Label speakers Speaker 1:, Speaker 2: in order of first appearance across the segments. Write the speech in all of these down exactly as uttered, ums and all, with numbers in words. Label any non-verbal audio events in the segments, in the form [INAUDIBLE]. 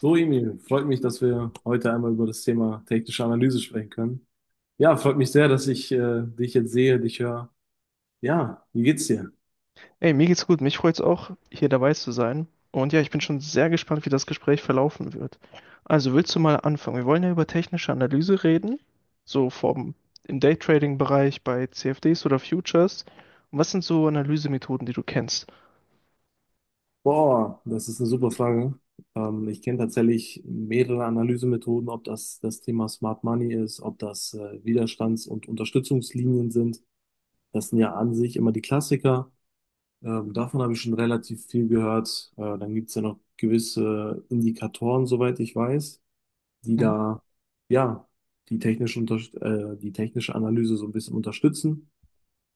Speaker 1: So, Emil, freut mich, dass wir heute einmal über das Thema technische Analyse sprechen können. Ja, freut mich sehr, dass ich äh, dich jetzt sehe, dich höre. Ja, wie geht's dir?
Speaker 2: Ey, mir geht's gut. Mich freut's auch, hier dabei zu sein. Und ja, ich bin schon sehr gespannt, wie das Gespräch verlaufen wird. Also, willst du mal anfangen? Wir wollen ja über technische Analyse reden, so vom im Daytrading-Bereich bei C F Ds oder Futures. Und was sind so Analysemethoden, die du kennst?
Speaker 1: Boah, das ist eine super Frage. Ähm, ich kenne tatsächlich mehrere Analysemethoden, ob das das Thema Smart Money ist, ob das äh, Widerstands- und Unterstützungslinien sind. Das sind ja an sich immer die Klassiker. Ähm, davon habe ich schon relativ viel gehört. Äh, dann gibt's ja noch gewisse Indikatoren, soweit ich weiß, die
Speaker 2: Mhm.
Speaker 1: da ja die technische, unter äh, die technische Analyse so ein bisschen unterstützen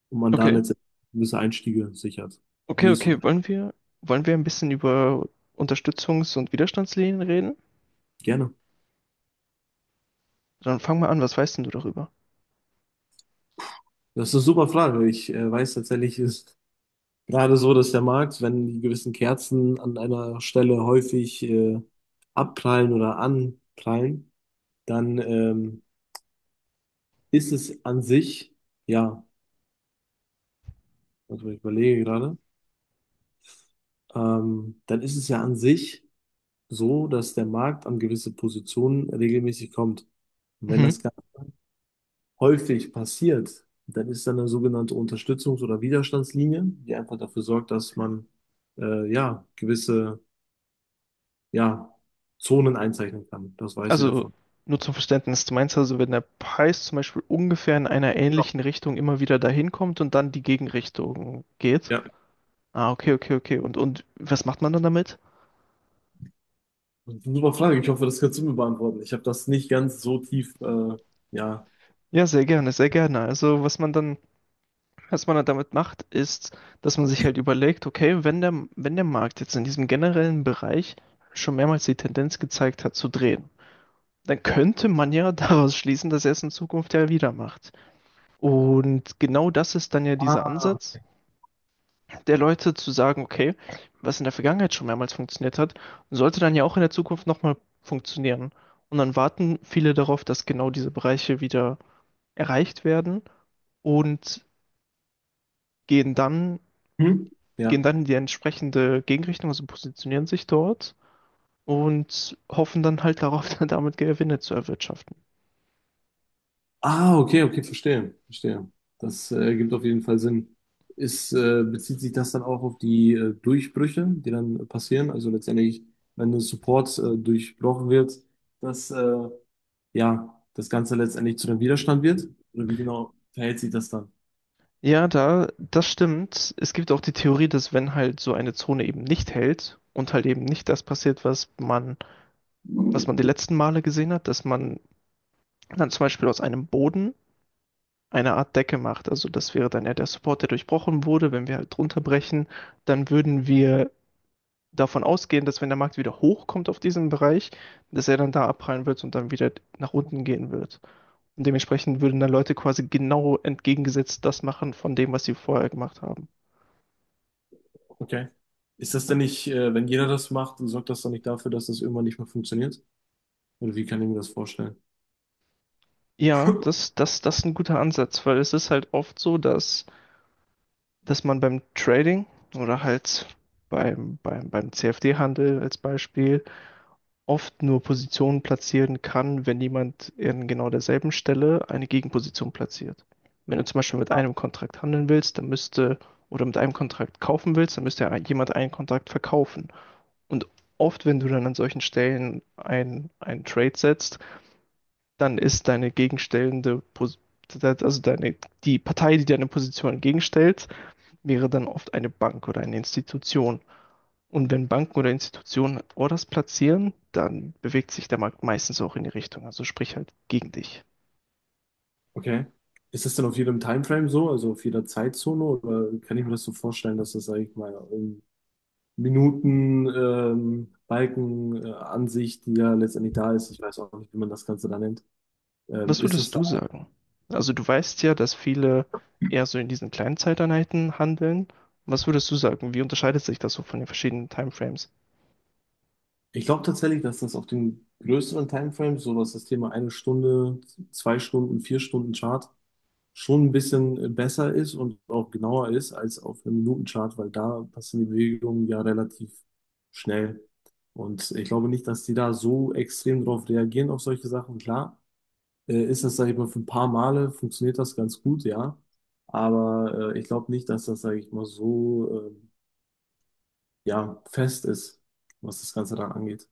Speaker 1: und man da
Speaker 2: Okay,
Speaker 1: letztendlich gewisse Einstiege sichert. Wie
Speaker 2: okay,
Speaker 1: ist du da?
Speaker 2: okay. Wollen wir, wollen wir ein bisschen über Unterstützungs- und Widerstandslinien reden?
Speaker 1: Gerne.
Speaker 2: Dann fang mal an, was weißt denn du darüber?
Speaker 1: Das ist eine super Frage. Ich äh, weiß tatsächlich, ist gerade so, dass der Markt, wenn die gewissen Kerzen an einer Stelle häufig äh, abprallen oder anprallen, dann ähm, ist es an sich, ja, also ich überlege gerade, ähm, dann ist es ja an sich so, dass der Markt an gewisse Positionen regelmäßig kommt. Und wenn das ganz häufig passiert, dann ist da eine sogenannte Unterstützungs- oder Widerstandslinie, die einfach dafür sorgt, dass man äh, ja gewisse, ja, Zonen einzeichnen kann. Das weiß ich
Speaker 2: Also
Speaker 1: davon.
Speaker 2: nur zum Verständnis, du meinst also, wenn der Preis zum Beispiel ungefähr in einer
Speaker 1: Genau.
Speaker 2: ähnlichen Richtung immer wieder dahin kommt und dann die Gegenrichtung geht?
Speaker 1: Ja,
Speaker 2: Ah, okay, okay, okay. Und, und was macht man dann damit?
Speaker 1: super Frage. Ich hoffe, das kannst du mir beantworten. Ich habe das nicht ganz so tief, äh, ja.
Speaker 2: Ja, sehr gerne, sehr gerne. Also was man dann, was man dann damit macht, ist, dass man sich halt überlegt, okay, wenn der, wenn der Markt jetzt in diesem generellen Bereich schon mehrmals die Tendenz gezeigt hat zu drehen, dann könnte man ja [LAUGHS] daraus schließen, dass er es in Zukunft ja wieder macht. Und genau das ist dann ja dieser
Speaker 1: Ah.
Speaker 2: Ansatz, der Leute zu sagen, okay, was in der Vergangenheit schon mehrmals funktioniert hat, sollte dann ja auch in der Zukunft nochmal funktionieren. Und dann warten viele darauf, dass genau diese Bereiche wieder erreicht werden und gehen dann,
Speaker 1: Hm?
Speaker 2: gehen
Speaker 1: Ja.
Speaker 2: dann in die entsprechende Gegenrichtung, also positionieren sich dort und hoffen dann halt darauf, [LAUGHS] dann damit Gewinne zu erwirtschaften.
Speaker 1: Ah, okay, okay, verstehe, verstehe. Das äh, ergibt auf jeden Fall Sinn. Ist, äh, bezieht sich das dann auch auf die äh, Durchbrüche, die dann passieren? Also letztendlich, wenn der Support äh, durchbrochen wird, dass äh, ja das Ganze letztendlich zu einem Widerstand wird? Oder wie genau verhält sich das dann?
Speaker 2: Ja, da, das stimmt. Es gibt auch die Theorie, dass wenn halt so eine Zone eben nicht hält und halt eben nicht das passiert, was man, was man die letzten Male gesehen hat, dass man dann zum Beispiel aus einem Boden eine Art Decke macht. Also das wäre dann ja der Support, der durchbrochen wurde. Wenn wir halt drunter brechen, dann würden wir davon ausgehen, dass wenn der Markt wieder hochkommt auf diesen Bereich, dass er dann da abprallen wird und dann wieder nach unten gehen wird. Und dementsprechend würden dann Leute quasi genau entgegengesetzt das machen von dem, was sie vorher gemacht haben.
Speaker 1: Okay. Ist das denn nicht, äh, wenn jeder das macht, sorgt das dann nicht dafür, dass das irgendwann nicht mehr funktioniert? Oder wie kann ich mir das vorstellen?
Speaker 2: Ja, das, das, das ist ein guter Ansatz, weil es ist halt oft so, dass, dass man beim Trading oder halt beim, beim, beim C F D-Handel als Beispiel oft nur Positionen platzieren kann, wenn jemand in genau derselben Stelle eine Gegenposition platziert. Wenn du zum Beispiel mit einem Kontrakt handeln willst, dann müsste, oder mit einem Kontrakt kaufen willst, dann müsste ja jemand einen Kontrakt verkaufen. Und oft, wenn du dann an solchen Stellen ein, ein Trade setzt, dann ist deine gegenstellende Position also deine, die Partei, die deine Position entgegenstellt, wäre dann oft eine Bank oder eine Institution. Und wenn Banken oder Institutionen Orders platzieren, dann bewegt sich der Markt meistens auch in die Richtung, also sprich halt gegen dich.
Speaker 1: Okay. Ist das denn auf jedem Timeframe so, also auf jeder Zeitzone, oder kann ich mir das so vorstellen, dass das, sag ich mal, um Minuten, ähm, Balken, äh, Ansicht, die ja letztendlich da ist. Ich weiß auch nicht, wie man das Ganze da nennt. Ähm,
Speaker 2: Was
Speaker 1: ist das
Speaker 2: würdest
Speaker 1: da?
Speaker 2: du sagen? Also du weißt ja, dass viele eher so in diesen kleinen Zeiteinheiten handeln. Was würdest du sagen? Wie unterscheidet sich das so von den verschiedenen Timeframes?
Speaker 1: Ich glaube tatsächlich, dass das auf den größeren Timeframes, so was das Thema eine Stunde, zwei Stunden, vier Stunden Chart, schon ein bisschen äh, besser ist und auch genauer ist als auf einem Minutenchart, weil da passen die Bewegungen ja relativ schnell. Und ich glaube nicht, dass die da so extrem drauf reagieren auf solche Sachen. Klar, äh, ist das, sage ich mal, für ein paar Male funktioniert das ganz gut, ja. Aber äh, ich glaube nicht, dass das, sage ich mal, so ähm, ja, fest ist, was das Ganze dann angeht.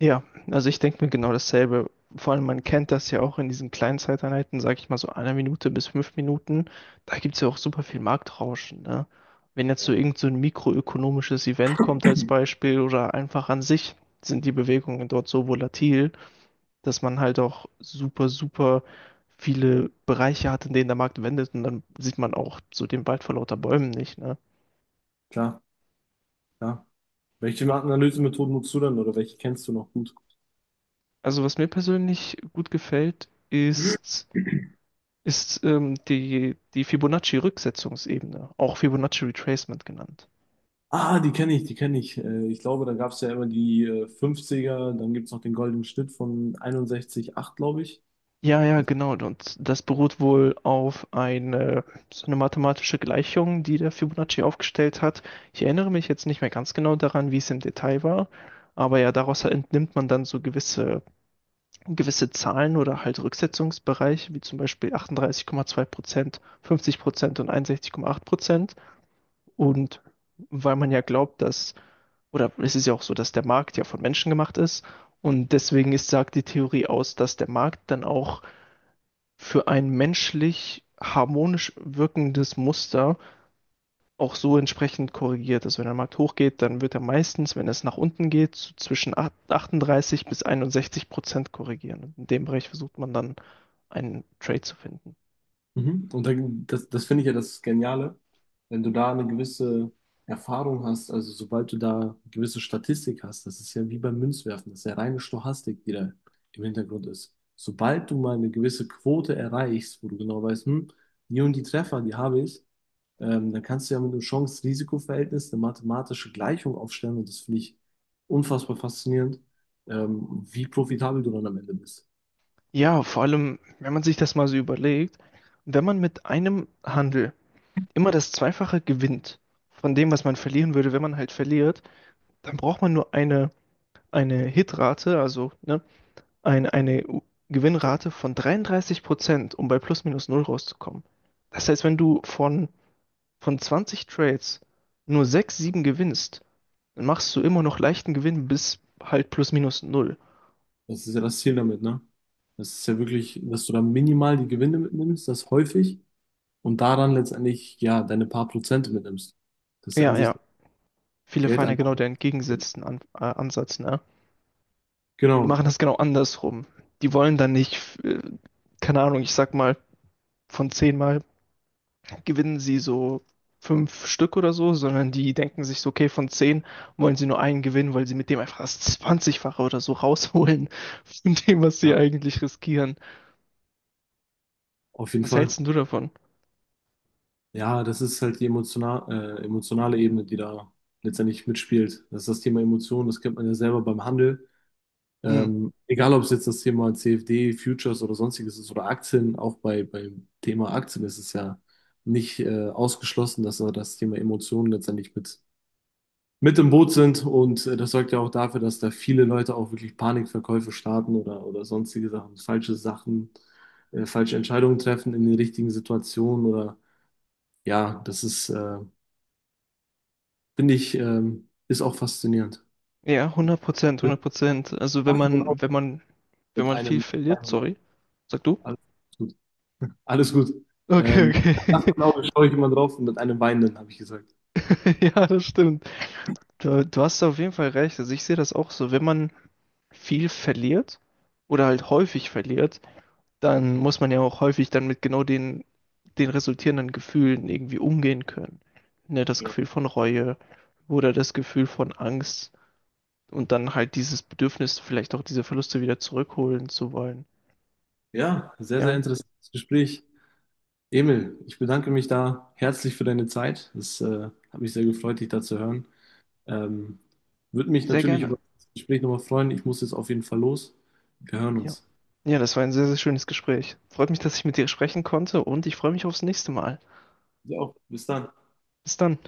Speaker 2: Ja, also ich denke mir genau dasselbe. Vor allem, man kennt das ja auch in diesen kleinen Zeiteinheiten, sag ich mal so einer Minute bis fünf Minuten. Da gibt's ja auch super viel Marktrauschen, ne? Wenn jetzt
Speaker 1: Ja,
Speaker 2: so irgend so ein mikroökonomisches Event kommt als Beispiel oder einfach an sich sind die Bewegungen dort so volatil, dass man halt auch super, super viele Bereiche hat, in denen der Markt wendet und dann sieht man auch so den Wald vor lauter Bäumen nicht, ne?
Speaker 1: klar, klar. Welche Analysemethoden nutzt du denn oder welche kennst du noch gut?
Speaker 2: Also was mir persönlich gut gefällt, ist ist ähm, die, die Fibonacci-Rücksetzungsebene, auch Fibonacci Retracement genannt.
Speaker 1: Ah, die kenne ich, die kenne ich. Äh, ich glaube, da gab es ja immer die äh, fünfziger, dann gibt es noch den goldenen Schnitt von einundsechzig Komma acht, glaube ich.
Speaker 2: Ja, ja, genau. Und das beruht wohl auf eine, so eine mathematische Gleichung, die der Fibonacci aufgestellt hat. Ich erinnere mich jetzt nicht mehr ganz genau daran, wie es im Detail war, aber ja, daraus entnimmt man dann so gewisse, gewisse Zahlen oder halt Rücksetzungsbereiche, wie zum Beispiel achtunddreißig Komma zwei Prozent, fünfzig Prozent und einundsechzig Komma acht Prozent. Und weil man ja glaubt, dass oder es ist ja auch so, dass der Markt ja von Menschen gemacht ist. Und deswegen ist, sagt die Theorie aus, dass der Markt dann auch für ein menschlich harmonisch wirkendes Muster auch so entsprechend korrigiert. Also wenn der Markt hochgeht, dann wird er meistens, wenn es nach unten geht, so zwischen acht- achtunddreißig bis einundsechzig Prozent korrigieren. Und in dem Bereich versucht man dann einen Trade zu finden.
Speaker 1: Mhm. Und dann, das, das finde ich ja das Geniale, wenn du da eine gewisse Erfahrung hast, also sobald du da eine gewisse Statistik hast, das ist ja wie beim Münzwerfen, das ist ja reine Stochastik, die da im Hintergrund ist. Sobald du mal eine gewisse Quote erreichst, wo du genau weißt, hm, die und die Treffer, die habe ich, ähm, dann kannst du ja mit einem Chance-Risiko-Verhältnis eine mathematische Gleichung aufstellen und das finde ich unfassbar faszinierend, ähm, wie profitabel du dann am Ende bist.
Speaker 2: Ja, vor allem, wenn man sich das mal so überlegt, wenn man mit einem Handel immer das Zweifache gewinnt von dem, was man verlieren würde, wenn man halt verliert, dann braucht man nur eine, eine Hitrate, also ne, ein, eine
Speaker 1: So,
Speaker 2: Gewinnrate von dreiunddreißig Prozent, um bei plus minus null rauszukommen. Das heißt, wenn du von, von zwanzig Trades nur sechs sieben gewinnst, dann machst du immer noch leichten Gewinn bis halt plus minus null.
Speaker 1: das ist ja das Ziel damit, ne? Das ist ja wirklich, dass du dann minimal die Gewinne mitnimmst, das häufig, und daran letztendlich, ja, deine paar Prozente mitnimmst. Das ist ja an
Speaker 2: Ja,
Speaker 1: sich
Speaker 2: ja. Viele fahren ja genau
Speaker 1: Geldanlage.
Speaker 2: den entgegengesetzten An äh, Ansatz, ne? Die machen
Speaker 1: Genau,
Speaker 2: das genau andersrum. Die wollen dann nicht, äh, keine Ahnung, ich sag mal, von zehn Mal gewinnen sie so fünf Stück oder so, sondern die denken sich so, okay, von zehn wollen sie nur einen gewinnen, weil sie mit dem einfach das zwanzigfache oder so rausholen von dem, was sie
Speaker 1: ja,
Speaker 2: eigentlich riskieren.
Speaker 1: auf jeden
Speaker 2: Was
Speaker 1: Fall.
Speaker 2: hältst denn du davon?
Speaker 1: Ja, das ist halt die emotional, äh, emotionale Ebene, die da letztendlich mitspielt. Das ist das Thema Emotionen, das kennt man ja selber beim Handel.
Speaker 2: Hm.
Speaker 1: Ähm, egal, ob es jetzt das Thema C F D, Futures oder sonstiges ist oder Aktien, auch bei, beim Thema Aktien ist es ja nicht äh, ausgeschlossen, dass da das Thema Emotionen letztendlich mit, mit im Boot sind. Und äh, das sorgt ja auch dafür, dass da viele Leute auch wirklich Panikverkäufe starten oder, oder sonstige Sachen, falsche Sachen, äh, falsche Entscheidungen treffen in den richtigen Situationen oder ja, das ist, äh, finde ich, ähm, ist auch faszinierend.
Speaker 2: Ja, hundert Prozent, hundert
Speaker 1: Mit
Speaker 2: Prozent. Also wenn man, wenn man,
Speaker 1: einem.
Speaker 2: wenn
Speaker 1: Mit
Speaker 2: man viel
Speaker 1: einem,
Speaker 2: verliert, sorry, sag du?
Speaker 1: alles Alles gut.
Speaker 2: Okay,
Speaker 1: Ähm, Nachts
Speaker 2: okay.
Speaker 1: genau schaue ich immer drauf und mit einem Weinenden, habe ich gesagt.
Speaker 2: [LAUGHS] Ja, das stimmt. Du, du hast da auf jeden Fall recht. Also ich sehe das auch so, wenn man viel verliert oder halt häufig verliert, dann muss man ja auch häufig dann mit genau den, den resultierenden Gefühlen irgendwie umgehen können. Ne, das
Speaker 1: Genau.
Speaker 2: Gefühl von Reue oder das Gefühl von Angst und dann halt dieses Bedürfnis, vielleicht auch diese Verluste wieder zurückholen zu wollen.
Speaker 1: Ja, sehr, sehr
Speaker 2: Ja,
Speaker 1: interessantes Gespräch. Emil, ich bedanke mich da herzlich für deine Zeit. Es äh, hat mich sehr gefreut, dich da zu hören. Ähm, Würde mich
Speaker 2: sehr
Speaker 1: natürlich über
Speaker 2: gerne.
Speaker 1: das Gespräch nochmal freuen. Ich muss jetzt auf jeden Fall los. Wir hören
Speaker 2: Ja.
Speaker 1: uns.
Speaker 2: Ja, das war ein sehr, sehr schönes Gespräch. Freut mich, dass ich mit dir sprechen konnte und ich freue mich aufs nächste Mal.
Speaker 1: Ja, bis dann.
Speaker 2: Bis dann.